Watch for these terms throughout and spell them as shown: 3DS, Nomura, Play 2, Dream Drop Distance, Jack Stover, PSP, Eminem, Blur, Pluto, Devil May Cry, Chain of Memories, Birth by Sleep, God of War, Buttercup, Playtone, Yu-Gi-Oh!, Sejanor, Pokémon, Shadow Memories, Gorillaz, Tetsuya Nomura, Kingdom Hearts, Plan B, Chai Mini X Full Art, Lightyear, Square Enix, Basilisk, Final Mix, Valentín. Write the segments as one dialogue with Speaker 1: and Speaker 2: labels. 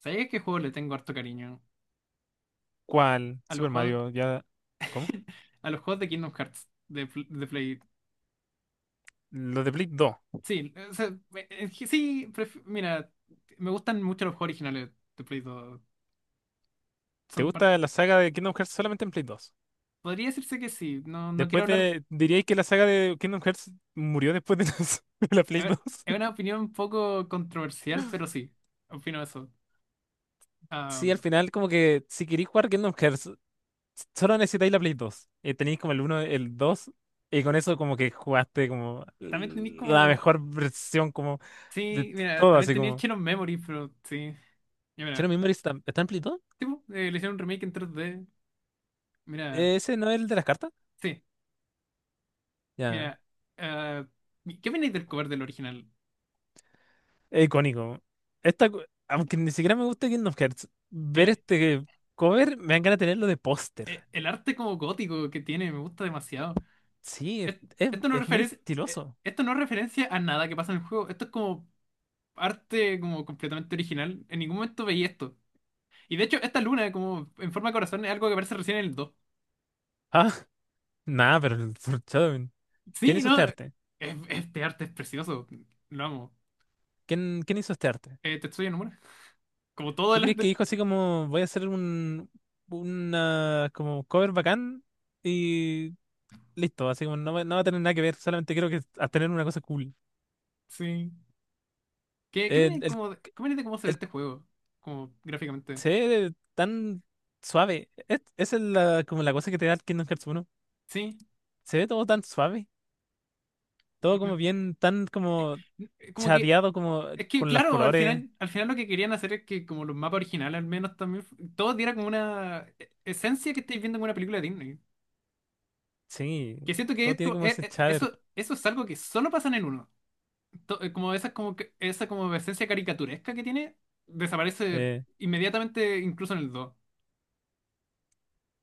Speaker 1: ¿Sabéis qué juego le tengo harto cariño?
Speaker 2: ¿Cuál?
Speaker 1: A los
Speaker 2: Super
Speaker 1: juegos,
Speaker 2: Mario, ya. ¿Cómo?
Speaker 1: a los juegos de Kingdom Hearts, de, de Play.
Speaker 2: Los de Play 2.
Speaker 1: Sí, o sea, es que sí, mira, me gustan mucho los juegos originales de Play 2.
Speaker 2: ¿Te
Speaker 1: Son par-
Speaker 2: gusta la saga de Kingdom Hearts solamente en Play 2?
Speaker 1: Podría decirse que sí, no, no quiero
Speaker 2: Después
Speaker 1: hablar.
Speaker 2: de. ¿Diríais que la saga de Kingdom Hearts murió después de de la Play
Speaker 1: Es
Speaker 2: 2?
Speaker 1: es una opinión un poco controversial, pero sí, opino eso.
Speaker 2: Sí, al
Speaker 1: Am,
Speaker 2: final, como que si queréis jugar Kingdom Hearts, solo necesitáis la Play 2. Tenéis como el uno, el 2 y con eso, como que jugaste como
Speaker 1: También tenéis
Speaker 2: la
Speaker 1: como.
Speaker 2: mejor versión, como de
Speaker 1: Sí, mira,
Speaker 2: todo,
Speaker 1: también
Speaker 2: así
Speaker 1: tenía el
Speaker 2: como.
Speaker 1: Chain of Memory, pero sí. Ya,
Speaker 2: ¿Shadow
Speaker 1: mira,
Speaker 2: Memories está, está en Play 2?
Speaker 1: tipo, le hicieron un remake en tres d. Mira,
Speaker 2: ¿Ese no es el de las cartas?
Speaker 1: sí,
Speaker 2: Ya.
Speaker 1: mira. ah, ¿Qué opináis del cover del original?
Speaker 2: Es icónico. Esta, aunque ni siquiera me gusta Kingdom Hearts, ver
Speaker 1: El,
Speaker 2: este cover me dan ganas de tenerlo de póster.
Speaker 1: el arte como gótico que tiene me gusta demasiado.
Speaker 2: Sí, es,
Speaker 1: Es-
Speaker 2: es-
Speaker 1: Esto no
Speaker 2: es muy
Speaker 1: referencia,
Speaker 2: estiloso.
Speaker 1: esto no es referencia a nada que pasa en el juego. Esto es como arte como completamente original. En ningún momento veía esto. Y de hecho, esta luna como en forma de corazón es algo que aparece recién en el dos.
Speaker 2: Ah, nada, pero el Lord
Speaker 1: Sí, ¿no? Este arte es precioso. Lo amo.
Speaker 2: ¿quién hizo este arte? ¿Quién hizo este arte?
Speaker 1: Tetsuya Nomura. Como todo
Speaker 2: ¿Tú
Speaker 1: el
Speaker 2: crees que
Speaker 1: arte.
Speaker 2: dijo así como voy a hacer un una como cover bacán y listo? Así como no, va no va a tener nada que ver, solamente quiero que a tener una cosa cool.
Speaker 1: Sí. ¿Qué, qué
Speaker 2: El,
Speaker 1: viene
Speaker 2: el,
Speaker 1: como, qué viene de cómo se ve
Speaker 2: el
Speaker 1: este juego? Como gráficamente.
Speaker 2: se ve tan suave. Esa es la, como la cosa que te da el Kingdom Hearts uno.
Speaker 1: Sí.
Speaker 2: Se ve todo tan suave, todo
Speaker 1: Me-
Speaker 2: como bien, tan como
Speaker 1: Como que.
Speaker 2: chadeado, como
Speaker 1: Es que,
Speaker 2: con los
Speaker 1: claro,
Speaker 2: colores.
Speaker 1: al final lo que querían hacer es que como los mapas originales al menos también, todo diera como una esencia que estáis viendo en una película de Disney.
Speaker 2: Sí,
Speaker 1: Que siento que
Speaker 2: todo tiene
Speaker 1: esto,
Speaker 2: como ese shader.
Speaker 1: eso, eso es algo que solo pasa en el uno. Como esa, como, esa como esencia caricaturesca que tiene, desaparece
Speaker 2: Eh,
Speaker 1: inmediatamente incluso en el dos.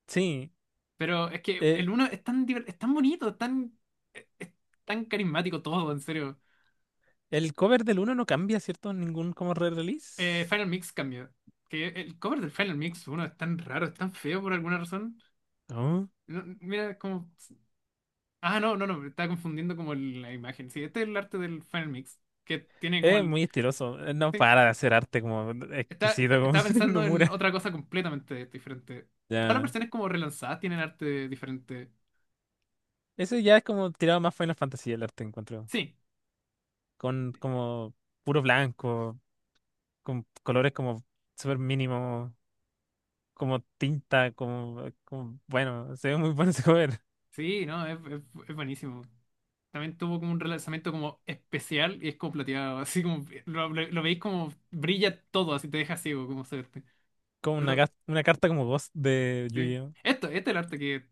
Speaker 2: sí,
Speaker 1: Pero es que
Speaker 2: eh,
Speaker 1: el uno es tan, es tan bonito, es tan, es tan carismático todo, en serio.
Speaker 2: el cover del uno no cambia, ¿cierto? Ningún como re-release.
Speaker 1: Final Mix cambió. Que el cover del Final Mix uno es tan raro, es tan feo por alguna razón.
Speaker 2: No.
Speaker 1: No, mira, como. Ah, no, no, no, me estaba confundiendo como la imagen. Sí, este es el arte del Final Mix, que tiene como
Speaker 2: Es
Speaker 1: el.
Speaker 2: muy estiloso, no
Speaker 1: Sí,
Speaker 2: para de hacer arte como exquisito, como
Speaker 1: estaba pensando en
Speaker 2: Nomura.
Speaker 1: otra cosa completamente diferente. Todas las
Speaker 2: Ya.
Speaker 1: versiones como relanzadas tienen arte diferente.
Speaker 2: Eso ya es como tirado más Final Fantasy el arte, encuentro.
Speaker 1: Sí,
Speaker 2: Con como puro blanco, con colores como súper mínimos, como tinta, como, como- bueno, se ve muy bueno ese cover.
Speaker 1: sí, no, es buenísimo. También tuvo como un relanzamiento como especial y es como plateado, así como. Lo veis como brilla todo, así te deja ciego, como se ve.
Speaker 2: Como una,
Speaker 1: Pero,
Speaker 2: una carta como voz de
Speaker 1: sí.
Speaker 2: Yu-Gi-Oh!
Speaker 1: Esto, este es el arte que.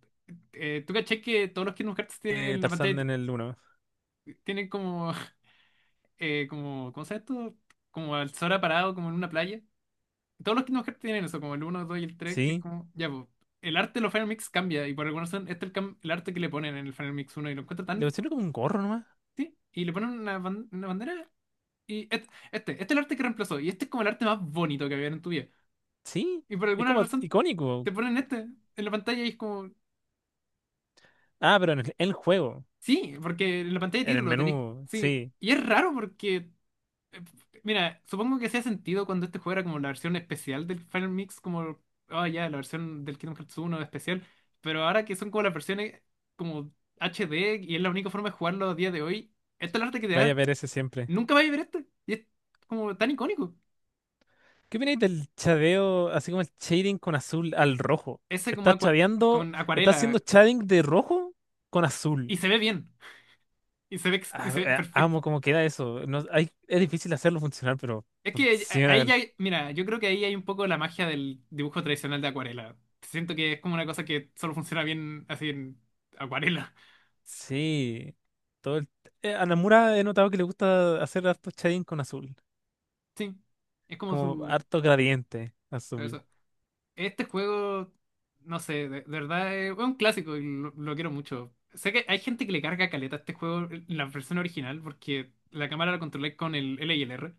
Speaker 1: ¿Tú caché que todos los Kingdom Hearts tienen en la pantalla?
Speaker 2: Tarzán en el 1.
Speaker 1: Tienen como como, ¿cómo se llama esto? Como al Sora parado, como en una playa. Todos los Kingdom Hearts tienen eso, como el 1, 2 y el tres que es
Speaker 2: Sí,
Speaker 1: como, ya, pues, el arte de los Final Mix cambia, y por alguna razón, este es el, el arte que le ponen en el Final Mix 1, y lo encuentro
Speaker 2: le
Speaker 1: tan,
Speaker 2: pusieron como un gorro nomás.
Speaker 1: sí, y le ponen una, una bandera, y este es el arte que reemplazó, y este es como el arte más bonito que había en tu vida.
Speaker 2: Sí,
Speaker 1: Y por
Speaker 2: es
Speaker 1: alguna
Speaker 2: como
Speaker 1: razón,
Speaker 2: icónico.
Speaker 1: te ponen este en la pantalla, y es como,
Speaker 2: Ah, pero en el juego,
Speaker 1: sí, porque en la pantalla de
Speaker 2: en el
Speaker 1: título tenéis,
Speaker 2: menú,
Speaker 1: sí,
Speaker 2: sí,
Speaker 1: y es raro porque. Mira, supongo que hacía sentido cuando este juego era como la versión especial del Final Mix, como, ah, ya, la versión del Kingdom Hearts uno especial, pero ahora que son como las versiones como HD y es la única forma de jugarlo a día de hoy, esta es la arte que te
Speaker 2: vaya a
Speaker 1: da.
Speaker 2: ver ese siempre.
Speaker 1: Nunca vais a ver esto. Y es como tan icónico.
Speaker 2: ¿Qué opináis del chadeo, así como el shading con azul al rojo?
Speaker 1: Ese como
Speaker 2: Estás
Speaker 1: acua-
Speaker 2: chadeando,
Speaker 1: con
Speaker 2: estás
Speaker 1: acuarela.
Speaker 2: haciendo shading de rojo con azul.
Speaker 1: Y se ve bien. Y se ve, y se ve perfecto.
Speaker 2: Amo cómo queda eso. No, hay, es difícil hacerlo funcionar, pero...
Speaker 1: Es que
Speaker 2: Funciona.
Speaker 1: ahí ya, mira, yo creo que ahí hay un poco la magia del dibujo tradicional de acuarela. Siento que es como una cosa que solo funciona bien así en acuarela.
Speaker 2: Sí, todo el... a Namura he notado que le gusta hacer harto shading con azul,
Speaker 1: Sí, es como
Speaker 2: como
Speaker 1: su...
Speaker 2: harto gradiente azul.
Speaker 1: Eso. Este juego, no sé, de verdad es un clásico y lo quiero mucho. Sé que hay gente que le carga caleta a este juego, la versión original, porque la cámara la controlé con el L y el R.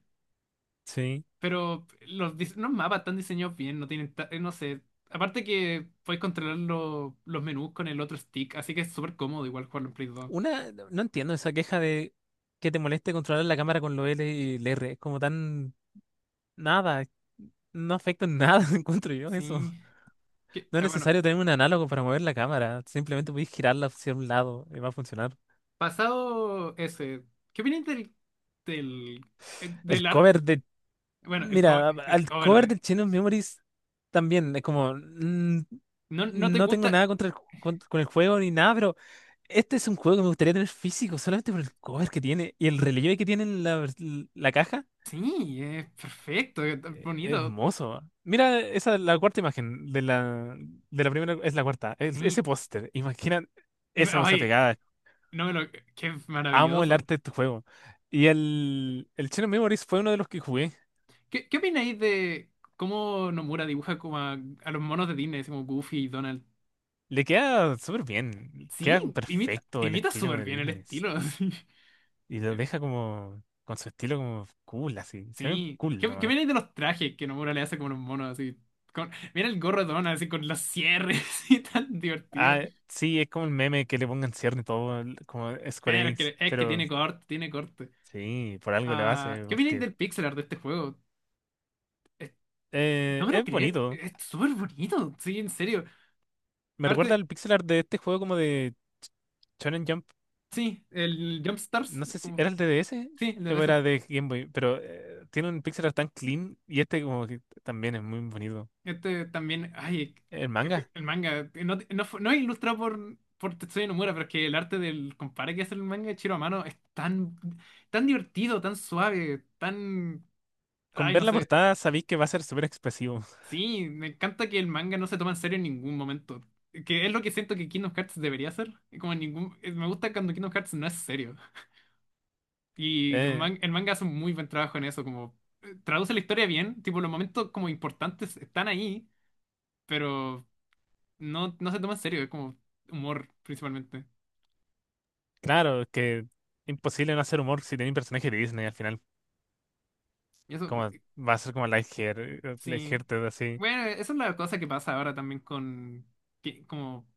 Speaker 2: Sí.
Speaker 1: Pero los, los mapas están diseñados bien, no tienen, no sé. Aparte que puedes controlar los menús con el otro stick, así que es súper cómodo igual jugarlo en Play 2.
Speaker 2: Una, no entiendo esa queja de que te moleste controlar la cámara con los L y el R, es como tan nada, no afecta en nada, encuentro yo eso.
Speaker 1: Sí.
Speaker 2: No es
Speaker 1: Bueno,
Speaker 2: necesario tener un análogo para mover la cámara, simplemente puedes girarla hacia un lado y va a funcionar.
Speaker 1: pasado ese, ¿qué opinas del, del, del
Speaker 2: El
Speaker 1: arte?
Speaker 2: cover de.
Speaker 1: Bueno,
Speaker 2: Mira,
Speaker 1: el
Speaker 2: al
Speaker 1: cover
Speaker 2: cover
Speaker 1: de.
Speaker 2: del Chain of Memories también es como
Speaker 1: ¿No, no te
Speaker 2: no tengo
Speaker 1: gusta?
Speaker 2: nada contra el, con el juego ni nada, pero este es un juego que me gustaría tener físico solamente por el cover que tiene y el relieve que tiene en la, la caja.
Speaker 1: Sí, es perfecto, es tan bonito.
Speaker 2: Hermoso. Mira, esa es la cuarta imagen de la primera, es la cuarta. Ese
Speaker 1: Sí.
Speaker 2: póster, imagina esa cosa
Speaker 1: Ay,
Speaker 2: pegada.
Speaker 1: no me lo. Qué
Speaker 2: Amo el
Speaker 1: maravilloso.
Speaker 2: arte de este juego. Y el Chain of Memories fue uno de los que jugué.
Speaker 1: ¿Qué, qué opináis de cómo Nomura dibuja como a los monos de Disney, así como Goofy y Donald?
Speaker 2: Le queda súper bien,
Speaker 1: Sí,
Speaker 2: queda
Speaker 1: imita,
Speaker 2: perfecto el
Speaker 1: imita
Speaker 2: estilo
Speaker 1: súper
Speaker 2: de
Speaker 1: bien el
Speaker 2: Disney.
Speaker 1: estilo. así.
Speaker 2: Y lo deja como con su estilo como cool, así. Se ven
Speaker 1: Sí.
Speaker 2: cool
Speaker 1: ¿Qué, qué
Speaker 2: nomás.
Speaker 1: opináis de los trajes que Nomura le hace como a los monos así? Con, mira el gorro de Donald así con los cierres y tan divertido.
Speaker 2: Ah, sí, es como el meme que le pongan cierre y todo, como Square
Speaker 1: Pero
Speaker 2: Enix,
Speaker 1: es que
Speaker 2: pero
Speaker 1: tiene corte, tiene corte.
Speaker 2: sí, por algo lo
Speaker 1: Ah,
Speaker 2: hace,
Speaker 1: ¿qué opináis
Speaker 2: porque
Speaker 1: del pixel art de este juego? Es- no me lo
Speaker 2: es
Speaker 1: creo,
Speaker 2: bonito.
Speaker 1: es súper bonito, sí, en serio.
Speaker 2: Me recuerda
Speaker 1: Arte,
Speaker 2: al pixel art de este juego como de Shonen Jump.
Speaker 1: sí, el Jump Stars,
Speaker 2: No sé si
Speaker 1: como,
Speaker 2: era el de DS
Speaker 1: sí, el de
Speaker 2: o
Speaker 1: ese.
Speaker 2: era de Game Boy, pero tiene un pixel art tan clean y este como que también es muy bonito.
Speaker 1: Este también, ay,
Speaker 2: El manga,
Speaker 1: el manga, no es ilustrado por Tetsuya Nomura, pero es que el arte del compadre que hace el manga de Chiro a mano es tan, tan divertido, tan suave, tan,
Speaker 2: con
Speaker 1: ay,
Speaker 2: ver
Speaker 1: no
Speaker 2: la
Speaker 1: sé.
Speaker 2: portada sabéis que va a ser súper expresivo.
Speaker 1: Sí, me encanta que el manga no se toma en serio en ningún momento. Que es lo que siento que Kingdom Hearts debería ser. Como en ningún... Me gusta cuando Kingdom Hearts no es serio. Y los
Speaker 2: Eh,
Speaker 1: el manga hace un muy buen trabajo en eso, como traduce la historia bien, tipo los momentos como importantes están ahí, pero no se toma en serio, es como humor principalmente.
Speaker 2: claro, que imposible no hacer humor si tenéis un personaje de Disney al final.
Speaker 1: Y eso,
Speaker 2: Como va a ser como Lightyear,
Speaker 1: sí.
Speaker 2: Lightyear te da así.
Speaker 1: Bueno, esa es la cosa que pasa ahora también con, que, como,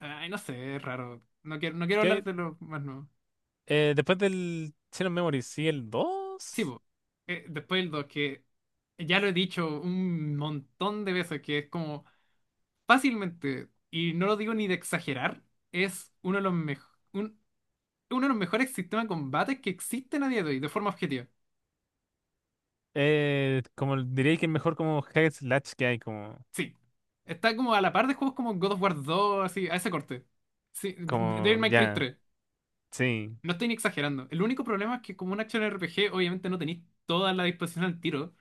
Speaker 1: ay, no sé, es raro. No quiero hablar
Speaker 2: Que
Speaker 1: de lo más nuevo.
Speaker 2: después del Shadow Memory, sí, el
Speaker 1: Sí,
Speaker 2: dos.
Speaker 1: po. Después el 2 que ya lo he dicho un montón de veces, que es como fácilmente, y no lo digo ni de exagerar, es uno de los un- uno de los mejores sistemas de combate que existen a día de hoy, de forma objetiva.
Speaker 2: Como diría que es mejor como hack and slash que hay, como,
Speaker 1: Sí. Está como a la par de juegos como God of War dos así, a ese corte. Sí, Devil
Speaker 2: como
Speaker 1: May Cry
Speaker 2: ya,
Speaker 1: tres.
Speaker 2: sí.
Speaker 1: No estoy ni exagerando. El único problema es que como un action RPG, obviamente no tenéis toda la disposición al tiro,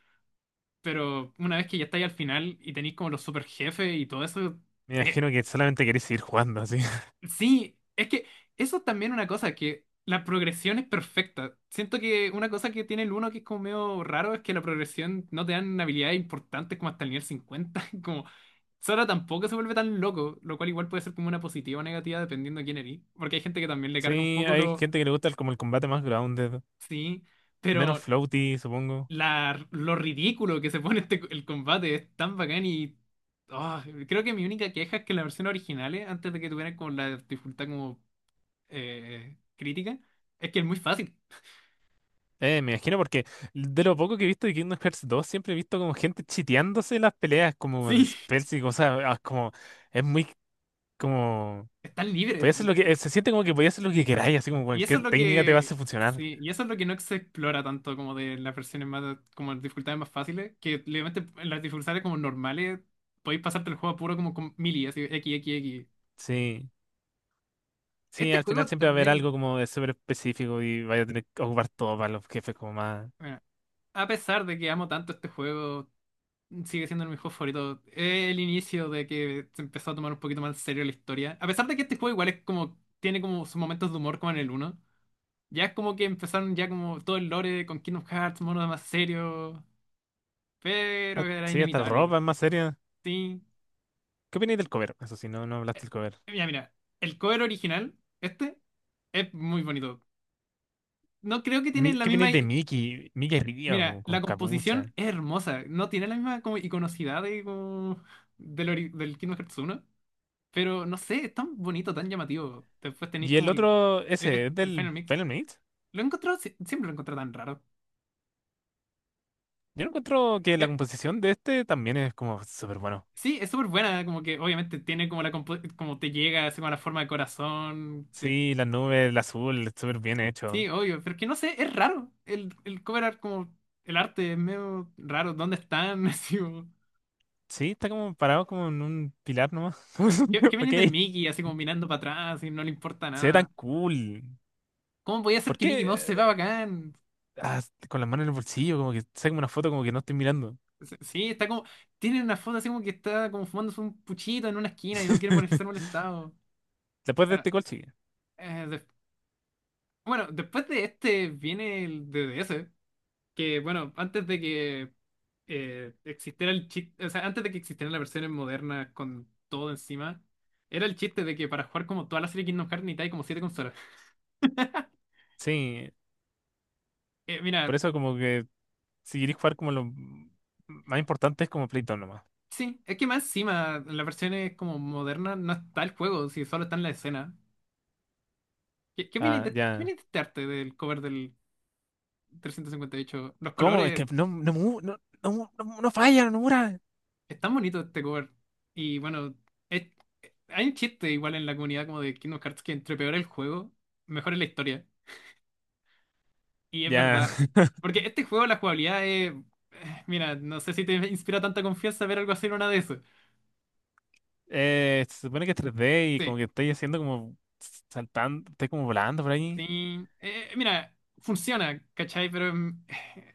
Speaker 1: pero una vez que ya estáis al final y tenéis como los super jefes y todo eso,
Speaker 2: Me
Speaker 1: es.
Speaker 2: imagino que solamente queréis seguir jugando así.
Speaker 1: Sí, es que eso es también una cosa, que la progresión es perfecta. Siento que una cosa que tiene el uno que es como medio raro es que la progresión no te dan habilidades importantes como hasta el nivel cincuenta. Como Sora tampoco se vuelve tan loco, lo cual igual puede ser como una positiva o negativa dependiendo de quién eres. Porque hay gente que también le carga un
Speaker 2: Sí,
Speaker 1: poco
Speaker 2: hay
Speaker 1: lo...
Speaker 2: gente que le gusta como el combate más grounded,
Speaker 1: Sí,
Speaker 2: menos
Speaker 1: pero
Speaker 2: floaty, supongo.
Speaker 1: la, lo ridículo que se pone este, el combate es tan bacán y... ah, creo que mi única queja es que las versiones originales, antes de que tuvieran como la dificultad como crítica es que es muy fácil.
Speaker 2: Me imagino porque de lo poco que he visto de Kingdom Hearts 2 siempre he visto como gente chiteándose en las peleas, como en
Speaker 1: Sí,
Speaker 2: spells y cosas, ah, como, es muy como,
Speaker 1: están
Speaker 2: podía
Speaker 1: libres.
Speaker 2: hacer lo que, se siente como que podía hacer lo que queráis, así como
Speaker 1: Y eso
Speaker 2: cualquier
Speaker 1: es lo
Speaker 2: técnica te va a
Speaker 1: que.
Speaker 2: hacer funcionar.
Speaker 1: Sí, y eso es lo que no se explora tanto como de las versiones más, como las dificultades más fáciles, que obviamente en las dificultades como normales podéis pasarte el juego puro como con mili, así, X, X, X.
Speaker 2: Sí, sí,
Speaker 1: Este
Speaker 2: al final
Speaker 1: juego
Speaker 2: siempre va a haber
Speaker 1: también,
Speaker 2: algo como de súper específico y vaya a tener que ocupar todo para los jefes como más,
Speaker 1: bueno, a pesar de que amo tanto este juego, sigue siendo mi juego favorito. Es el inicio de que se empezó a tomar un poquito más en serio la historia, a pesar de que este juego igual es como, tiene como sus momentos de humor como en el uno. Ya es como que empezaron ya como todo el lore con Kingdom Hearts, monos más serios, pero
Speaker 2: ah,
Speaker 1: era
Speaker 2: sí, hasta la
Speaker 1: inevitable,
Speaker 2: ropa
Speaker 1: weón.
Speaker 2: es más seria.
Speaker 1: Sí.
Speaker 2: ¿Qué opináis del cover? Eso sí, no, no hablaste del cover.
Speaker 1: Mira, mira, el cover original, este, es muy bonito. No creo que tiene la
Speaker 2: ¿Qué
Speaker 1: misma...
Speaker 2: opináis de Mickey? Mickey
Speaker 1: Mira,
Speaker 2: Río con
Speaker 1: la
Speaker 2: capucha.
Speaker 1: composición es hermosa, no tiene la misma como iconocidad de, como, del, del Kingdom Hearts uno, pero no sé, es tan bonito, tan llamativo. Después tenéis
Speaker 2: Y el
Speaker 1: como
Speaker 2: otro, ese, ¿es
Speaker 1: el
Speaker 2: del
Speaker 1: Final Mix.
Speaker 2: Final Mate?
Speaker 1: Lo he encontrado, siempre lo he encontrado tan raro.
Speaker 2: Yo encuentro que la composición de este también es como súper bueno.
Speaker 1: Sí, es súper buena, como que obviamente tiene como la como te llega, así como la forma de corazón.
Speaker 2: Sí, las nubes, el azul, súper bien
Speaker 1: Sí,
Speaker 2: hecho.
Speaker 1: obvio, pero que no sé, es raro. El cover art, como el arte es medio raro. ¿Dónde están? Así como,
Speaker 2: Sí, está como parado como en un pilar nomás.
Speaker 1: ¿qué, qué viene
Speaker 2: Ok,
Speaker 1: del Mickey? Así como mirando para atrás y no le importa
Speaker 2: se ve tan
Speaker 1: nada.
Speaker 2: cool.
Speaker 1: ¿Cómo podía ser
Speaker 2: ¿Por
Speaker 1: que
Speaker 2: qué?
Speaker 1: Mickey Mouse se va bacán?
Speaker 2: Ah, con las manos en el bolsillo, como que saca una foto como que no estoy mirando.
Speaker 1: Sí, está como. Tiene una foto así como que está como fumándose un puchito en una esquina y no quiere ser molestado.
Speaker 2: Después de
Speaker 1: Bueno,
Speaker 2: este gol sigue.
Speaker 1: eh, des- bueno, después de este viene el D D S que, bueno, antes de que existiera el chiste, o sea, antes de que existieran las versiones modernas con todo encima, era el chiste de que para jugar como toda la serie Kingdom Hearts necesitáis como siete consolas.
Speaker 2: Sí, por
Speaker 1: Mira,
Speaker 2: eso como que si queréis jugar como lo más importante es como Playtone nomás.
Speaker 1: sí, es que más encima, en las versiones como modernas no está el juego, si solo está en la escena.
Speaker 2: Ah,
Speaker 1: Qué
Speaker 2: ya.
Speaker 1: opináis de este arte del cover del 358? Los
Speaker 2: ¿Cómo? Es que
Speaker 1: colores
Speaker 2: no falla, no mura.
Speaker 1: están bonitos este cover. Y bueno, es- hay un chiste igual en la comunidad como de Kingdom Hearts que entre peor el juego, mejor es la historia. Y es
Speaker 2: Ya.
Speaker 1: verdad. Porque este juego, la jugabilidad es. Mira, no sé si te inspira tanta confianza ver algo así en una de esas.
Speaker 2: Se supone que es 3D y
Speaker 1: Sí,
Speaker 2: como que estoy haciendo como saltando, estoy como volando por ahí.
Speaker 1: sí. Mira, funciona, ¿cachai? Pero mm, eh,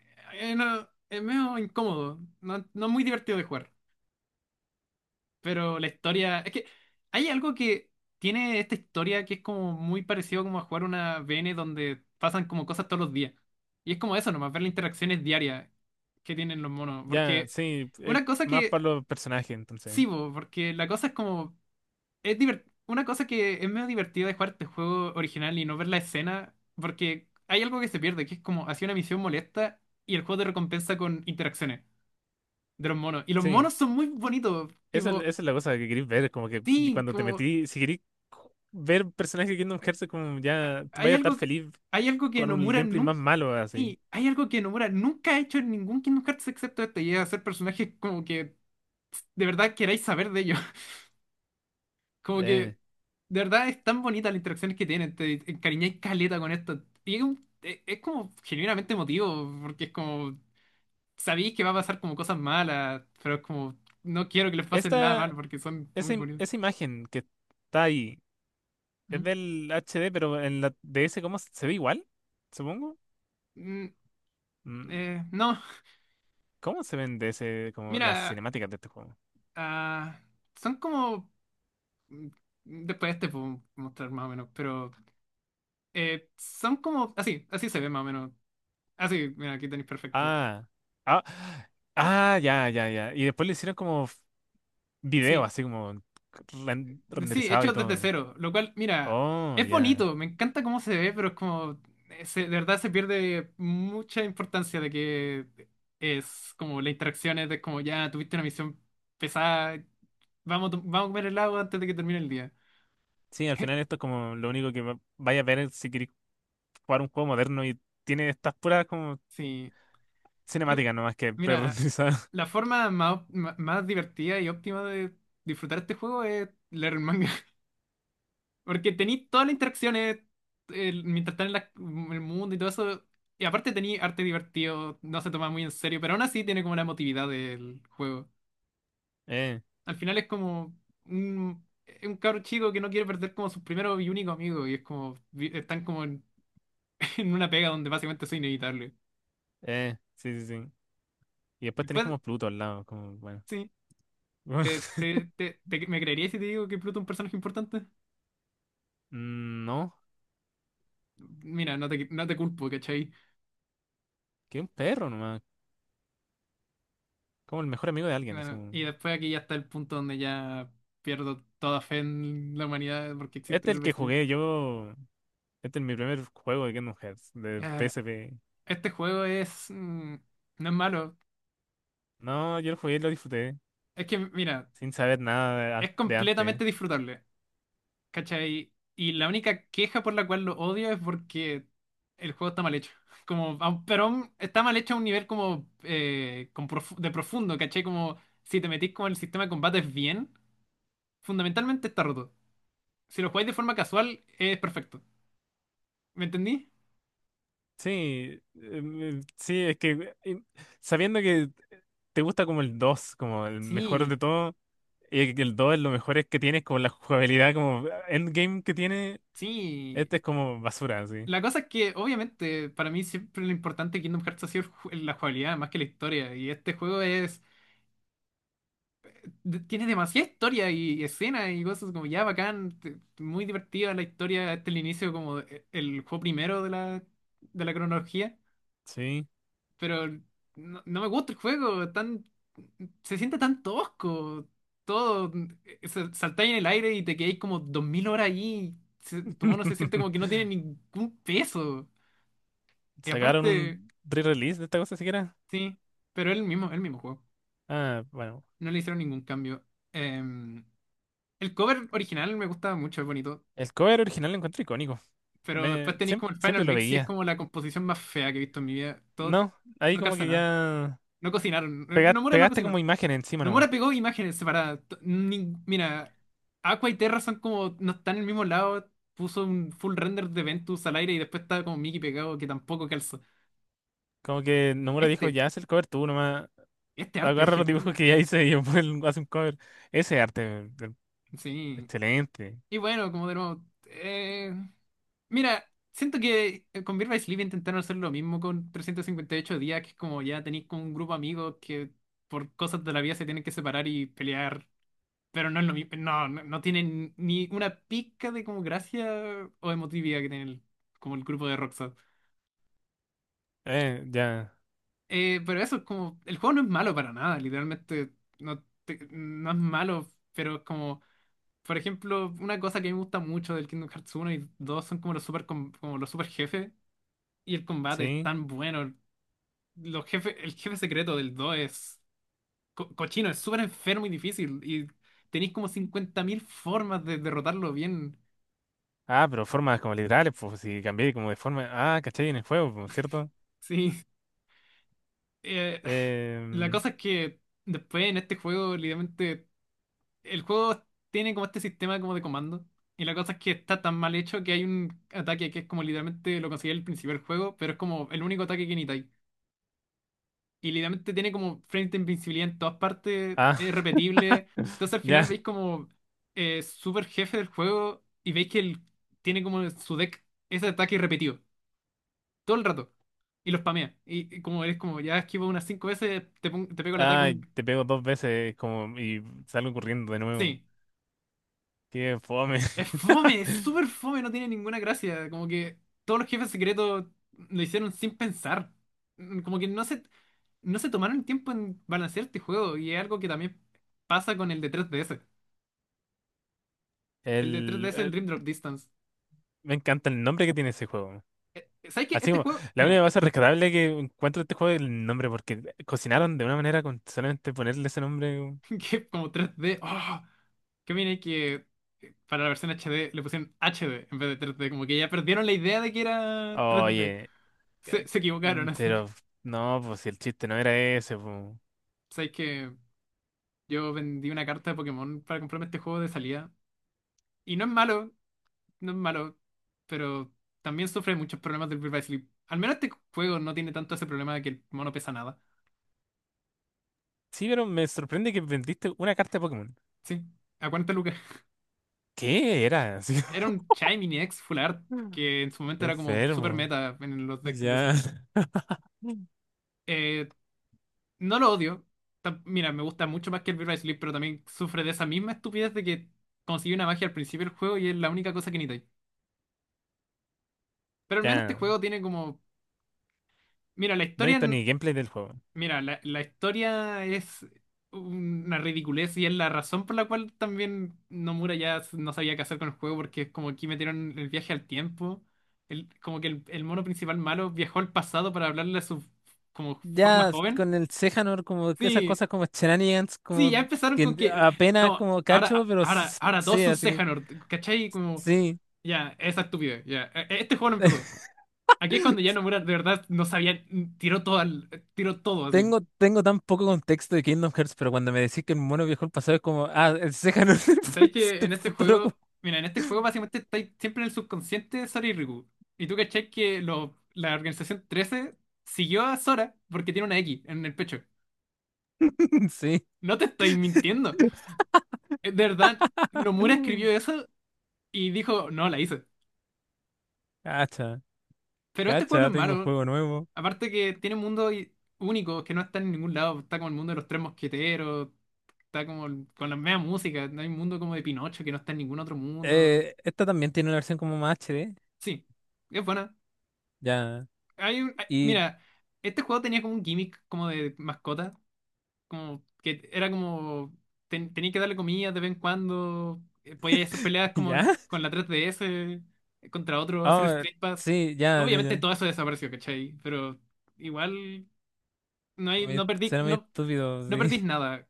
Speaker 1: eh, no, es medio incómodo. No, no es muy divertido de jugar. Pero la historia. Es que hay algo que tiene esta historia que es como muy parecido como a jugar una VN donde pasan como cosas todos los días. Y es como eso nomás, ver las interacciones diarias que tienen los monos.
Speaker 2: Ya,
Speaker 1: Porque.
Speaker 2: sí, es
Speaker 1: Una cosa
Speaker 2: más
Speaker 1: que
Speaker 2: para los personajes, entonces.
Speaker 1: Sí, po, porque la cosa es como. Una cosa que es medio divertida de jugar este juego original y no ver la escena, porque hay algo que se pierde, que es como hacía una misión molesta y el juego te recompensa con interacciones de los monos. Y los
Speaker 2: Sí,
Speaker 1: monos son muy bonitos, tipo,
Speaker 2: esa es la cosa que queréis ver, como que y
Speaker 1: sí,
Speaker 2: cuando te
Speaker 1: como.
Speaker 2: metí, si queréis ver personajes de Kingdom Hearts, como ya tú
Speaker 1: Hay
Speaker 2: vaya a estar
Speaker 1: algo,
Speaker 2: feliz
Speaker 1: hay algo que
Speaker 2: con un
Speaker 1: Nomura
Speaker 2: gameplay
Speaker 1: nunca.
Speaker 2: más malo, así.
Speaker 1: Sí, hay algo que Nomura nunca ha hecho en ningún Kingdom Hearts excepto este, y es hacer personajes como que de verdad queráis saber de ellos. Como que,
Speaker 2: Eh,
Speaker 1: de verdad, es tan bonita las interacciones que tienen, te encariñáis caleta con esto. Y es, es como genuinamente emotivo, porque es como, sabéis que va a pasar como cosas malas, pero es como, no quiero que les pasen nada mal
Speaker 2: Esta,
Speaker 1: porque son muy bonitos.
Speaker 2: Esa imagen que está ahí,
Speaker 1: ¿Mm?
Speaker 2: es del HD, pero en la DS, ¿cómo se ve igual? Supongo.
Speaker 1: Mm,
Speaker 2: Mm,
Speaker 1: no,
Speaker 2: ¿Cómo se ven DS como las
Speaker 1: mira,
Speaker 2: cinemáticas de este juego?
Speaker 1: ah, son como, mm, después te puedo mostrar más o menos, pero son como, así, así se ve más o menos. Así, mira, aquí tenéis perfecto.
Speaker 2: Ah, ah, ya. Y después le hicieron como video,
Speaker 1: Sí.
Speaker 2: así como
Speaker 1: Sí,
Speaker 2: renderizado y
Speaker 1: hechos desde
Speaker 2: todo.
Speaker 1: cero, lo cual, mira,
Speaker 2: Oh,
Speaker 1: es
Speaker 2: ya.
Speaker 1: bonito, me encanta cómo se ve, pero es como, de verdad se pierde mucha importancia de que es como las interacciones de como ya tuviste una misión pesada, vamos, vamos a comer helado antes de que termine el día.
Speaker 2: Sí, al final esto es como lo único que vaya a ver es si queréis jugar un juego moderno y tiene estas puras como
Speaker 1: Sí. Y,
Speaker 2: cinemáticas nomás que
Speaker 1: mira,
Speaker 2: pre-renderizadas.
Speaker 1: la forma más, más divertida y óptima de disfrutar este juego es leer el manga. Porque tení todas las interacciones mientras están en el mundo y todo eso. Y aparte tení arte divertido, no se toma muy en serio, pero aún así tiene como la emotividad del juego.
Speaker 2: Eh,
Speaker 1: Al final es como es un cabro chico que no quiere perder como su primero y único amigo. Y es como, están como en, en una pega donde básicamente soy inevitable.
Speaker 2: sí, sí, sí. Y después tenéis
Speaker 1: Después,
Speaker 2: como Pluto al lado, como, bueno.
Speaker 1: sí, ¿me creerías si te digo que Pluto es un personaje importante?
Speaker 2: Mm, no,
Speaker 1: Mira, no te culpo, ¿cachai?
Speaker 2: que un perro nomás, como el mejor amigo de alguien, así
Speaker 1: Bueno,
Speaker 2: como...
Speaker 1: y después aquí ya está el punto donde ya pierdo toda fe en la humanidad porque
Speaker 2: Este
Speaker 1: existe
Speaker 2: es
Speaker 1: el
Speaker 2: el que
Speaker 1: Basilisk.
Speaker 2: jugué yo, este es mi primer juego de Kingdom Hearts, de
Speaker 1: Eh,
Speaker 2: PSP.
Speaker 1: este juego es... no es malo.
Speaker 2: No, yo el jugué y lo disfruté,
Speaker 1: Es que, mira,
Speaker 2: sin saber nada de,
Speaker 1: es
Speaker 2: de antes.
Speaker 1: completamente disfrutable, ¿cachai? Y la única queja por la cual lo odio es porque el juego está mal hecho. Como, pero aún está mal hecho a un nivel como con de profundo, ¿cachai? Como si te metís con el sistema de combates bien, fundamentalmente está roto. Si lo jugáis de forma casual, es perfecto. ¿Me entendí?
Speaker 2: Sí, sí, es que sabiendo que te gusta como el 2 como el mejor de
Speaker 1: Sí,
Speaker 2: todo, y que el 2 es lo mejor es que tienes, como la jugabilidad, como endgame que tiene,
Speaker 1: sí,
Speaker 2: este es como basura, así.
Speaker 1: la cosa es que obviamente para mí siempre lo importante de Kingdom Hearts ha sido la jugabilidad más que la historia. Y este juego es tiene demasiada historia y escenas y cosas como ya bacán, muy divertida la historia. Este es el inicio como el juego primero de la cronología.
Speaker 2: Sí.
Speaker 1: Pero no, no me gusta el juego, tan, se siente tan tosco. Todo, saltáis en el aire y te quedáis como 2000 horas ahí. Tu mono se siente como que no tiene ningún peso. Y
Speaker 2: ¿Sacaron
Speaker 1: aparte,
Speaker 2: un re-release de esta cosa siquiera?
Speaker 1: sí, pero es el mismo juego.
Speaker 2: Ah, bueno.
Speaker 1: No le hicieron ningún cambio. Em, el cover original me gustaba mucho, es bonito.
Speaker 2: El cover original lo encuentro icónico.
Speaker 1: Pero después tenéis como el final
Speaker 2: Siempre lo
Speaker 1: mix y es
Speaker 2: veía.
Speaker 1: como la composición más fea que he visto en mi vida. Todo
Speaker 2: No, ahí
Speaker 1: no
Speaker 2: como
Speaker 1: calza
Speaker 2: que
Speaker 1: nada.
Speaker 2: ya
Speaker 1: No cocinaron. Nomura no
Speaker 2: pegaste como
Speaker 1: cocinó.
Speaker 2: imágenes encima
Speaker 1: Nomura
Speaker 2: nomás.
Speaker 1: pegó imágenes separadas. Mira, Aqua y Terra son como. No están en el mismo lado. Puso un full render de Ventus al aire y después estaba como Mickey pegado que tampoco calza.
Speaker 2: Como que Nomura dijo,
Speaker 1: Este,
Speaker 2: ya haz el cover tú, nomás
Speaker 1: este arte es
Speaker 2: agarra los
Speaker 1: genial.
Speaker 2: dibujos que ya hice y después hace un cover. Ese arte, eh,
Speaker 1: Sí.
Speaker 2: excelente.
Speaker 1: Y bueno, como de nuevo, mira, siento que con Birth by Sleep intentaron hacer lo mismo con 358 días, que es como ya tenéis con un grupo de amigos que por cosas de la vida se tienen que separar y pelear, pero no es lo mismo, no, no, no tienen ni una pizca de como gracia o emotividad que tiene como el grupo de Rockstar.
Speaker 2: Ya,
Speaker 1: Pero eso es como, el juego no es malo para nada, literalmente no, no es malo, pero es como... Por ejemplo, una cosa que me gusta mucho del Kingdom Hearts uno y 2 son como los super, como los super jefes y el combate es
Speaker 2: sí.
Speaker 1: tan bueno. Los jefes, el jefe secreto del 2 es cochino, es súper enfermo y difícil y tenéis como 50.000 formas de derrotarlo bien.
Speaker 2: Ah, pero formas como literales, pues si cambié como de forma. Ah, caché en el juego, pues, ¿cierto?
Speaker 1: Sí. Eh, la
Speaker 2: Em,
Speaker 1: cosa es que después en este juego, literalmente, el juego tiene como este sistema como de comando. Y la cosa es que está tan mal hecho que hay un ataque que es como literalmente lo conseguí al principio del juego, pero es como el único ataque que ni y literalmente tiene como frames de invincibilidad en todas partes,
Speaker 2: ah,
Speaker 1: es repetible. Entonces al
Speaker 2: ya.
Speaker 1: final veis como super jefe del juego y veis que él tiene como su deck ese ataque repetido todo el rato. Y lo spamea. Y como eres como ya esquivo unas cinco veces, te pego el ataque
Speaker 2: Ah,
Speaker 1: un...
Speaker 2: te pego dos veces como y salgo corriendo de nuevo.
Speaker 1: Sí.
Speaker 2: Qué fome.
Speaker 1: Es fome, es súper fome, no tiene ninguna gracia. Como que todos los jefes secretos lo hicieron sin pensar. Como que no se, no se tomaron el tiempo en balancear este juego. Y es algo que también pasa con el de 3DS. El de tres D
Speaker 2: El,
Speaker 1: es el
Speaker 2: el-
Speaker 1: Dream Drop Distance.
Speaker 2: Me encanta el nombre que tiene ese juego.
Speaker 1: ¿Sabes qué?
Speaker 2: Así
Speaker 1: Este
Speaker 2: como,
Speaker 1: juego,
Speaker 2: la única
Speaker 1: mira,
Speaker 2: cosa rescatable que encuentro de este juego es el nombre, porque cocinaron de una manera con solamente ponerle ese nombre, weón.
Speaker 1: que es como tres d. ¡Oh! Que viene que para la versión HD le pusieron HD en vez de tres d. Como que ya perdieron la idea de que era tres d.
Speaker 2: Oye, eh,
Speaker 1: Se equivocaron así.
Speaker 2: pero no, pues si el chiste no era ese, pues.
Speaker 1: ¿Sabes que yo vendí una carta de Pokémon para comprarme este juego de salida? Y no es malo, no es malo. Pero también sufre muchos problemas del Birth by Sleep. Al menos este juego no tiene tanto ese problema de que el mono pesa nada.
Speaker 2: Sí, pero me sorprende que vendiste una carta de Pokémon.
Speaker 1: Sí, a 40 lucas.
Speaker 2: ¿Qué era? Así
Speaker 1: Era
Speaker 2: como,
Speaker 1: un Chai Mini X Full Art
Speaker 2: Mm.
Speaker 1: que en su
Speaker 2: Qué
Speaker 1: momento era como super
Speaker 2: enfermo.
Speaker 1: meta en los decks de
Speaker 2: Ya,
Speaker 1: Zero.
Speaker 2: Mm.
Speaker 1: Eh, no lo odio. Mira, me gusta mucho más que el Birth by Sleep, pero también sufre de esa misma estupidez de que consigue una magia al principio del juego y es la única cosa que necesitáis. Pero al menos este
Speaker 2: Ya.
Speaker 1: juego tiene como. Mira, la
Speaker 2: No he
Speaker 1: historia.
Speaker 2: visto ni gameplay del juego.
Speaker 1: Mira, la historia es una ridiculez y es la razón por la cual también Nomura ya no sabía qué hacer con el juego porque es como aquí metieron el viaje al tiempo. El, como que el mono principal malo viajó al pasado para hablarle a su como forma
Speaker 2: Ya
Speaker 1: joven.
Speaker 2: con el Sejanor, como que esas
Speaker 1: Sí,
Speaker 2: cosas como shenanigans,
Speaker 1: sí,
Speaker 2: como
Speaker 1: ya empezaron
Speaker 2: que
Speaker 1: con que
Speaker 2: apenas
Speaker 1: no,
Speaker 2: como cacho,
Speaker 1: ahora,
Speaker 2: pero
Speaker 1: ahora, ahora todos
Speaker 2: sí,
Speaker 1: son
Speaker 2: así como,
Speaker 1: Sejanort, ¿cachai? Como
Speaker 2: sí.
Speaker 1: ya, esa estupidez, ya. Este juego no empezó. Aquí es cuando ya Nomura de verdad no sabía, tiró todo al, tiró todo así.
Speaker 2: Tengo tan poco contexto de Kingdom Hearts, pero cuando me decís que el mono viajó al pasado es como, ah, el Seiya es del
Speaker 1: Sabéis que
Speaker 2: del
Speaker 1: en este
Speaker 2: futuro.
Speaker 1: juego, mira, en este juego básicamente estáis siempre en el subconsciente de Sora y Riku. Y tú cachai que la Organización XIII siguió a Sora porque tiene una X en el pecho.
Speaker 2: Sí.
Speaker 1: No te estoy mintiendo. De verdad, Nomura escribió eso y dijo, no, la hice.
Speaker 2: Cacha,
Speaker 1: Pero este juego no
Speaker 2: cacha,
Speaker 1: es
Speaker 2: tengo
Speaker 1: malo.
Speaker 2: juego nuevo.
Speaker 1: Aparte que tiene un mundo único que no está en ningún lado. Está como el mundo de los tres mosqueteros, está como con la misma música. No hay un mundo como de Pinocho que no está en ningún otro mundo.
Speaker 2: Esta también tiene una versión como más HD.
Speaker 1: Sí, es buena.
Speaker 2: Ya. Y
Speaker 1: Mira, este juego tenía como un gimmick como de mascota, como que era como tenía que darle comida de vez en cuando, podía hacer peleas como
Speaker 2: ya.
Speaker 1: con la 3DS contra otro, hacer
Speaker 2: Ah,
Speaker 1: split pass.
Speaker 2: sí, ya, ya,
Speaker 1: Obviamente
Speaker 2: ya.
Speaker 1: todo eso desapareció, ¿cachai? Pero igual no
Speaker 2: No
Speaker 1: hay,
Speaker 2: Me- Suena muy estúpido,
Speaker 1: no
Speaker 2: sí.
Speaker 1: perdís nada.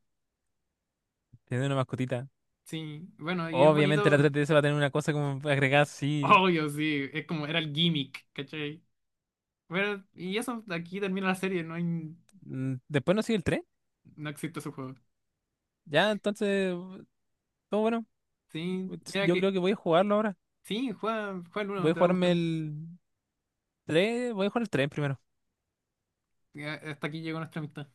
Speaker 2: Tiene una mascotita.
Speaker 1: Sí, bueno, y es
Speaker 2: Obviamente la
Speaker 1: bonito,
Speaker 2: 3DS va a tener una cosa como agregada, sí.
Speaker 1: obvio, sí, es como era el gimmick, ¿cachai? Bueno, y eso, aquí termina la serie, no hay, no
Speaker 2: Mm, después no sigue el 3.
Speaker 1: existe ese juego.
Speaker 2: Ya, entonces, todo bueno.
Speaker 1: Sí, mira
Speaker 2: Yo creo
Speaker 1: que
Speaker 2: que voy a jugarlo ahora.
Speaker 1: sí, juega, juega el
Speaker 2: Voy
Speaker 1: uno,
Speaker 2: a
Speaker 1: te va a
Speaker 2: jugarme
Speaker 1: gustar mucho.
Speaker 2: el 3. Voy a jugar el 3 primero.
Speaker 1: Ya, hasta aquí llegó nuestra amistad.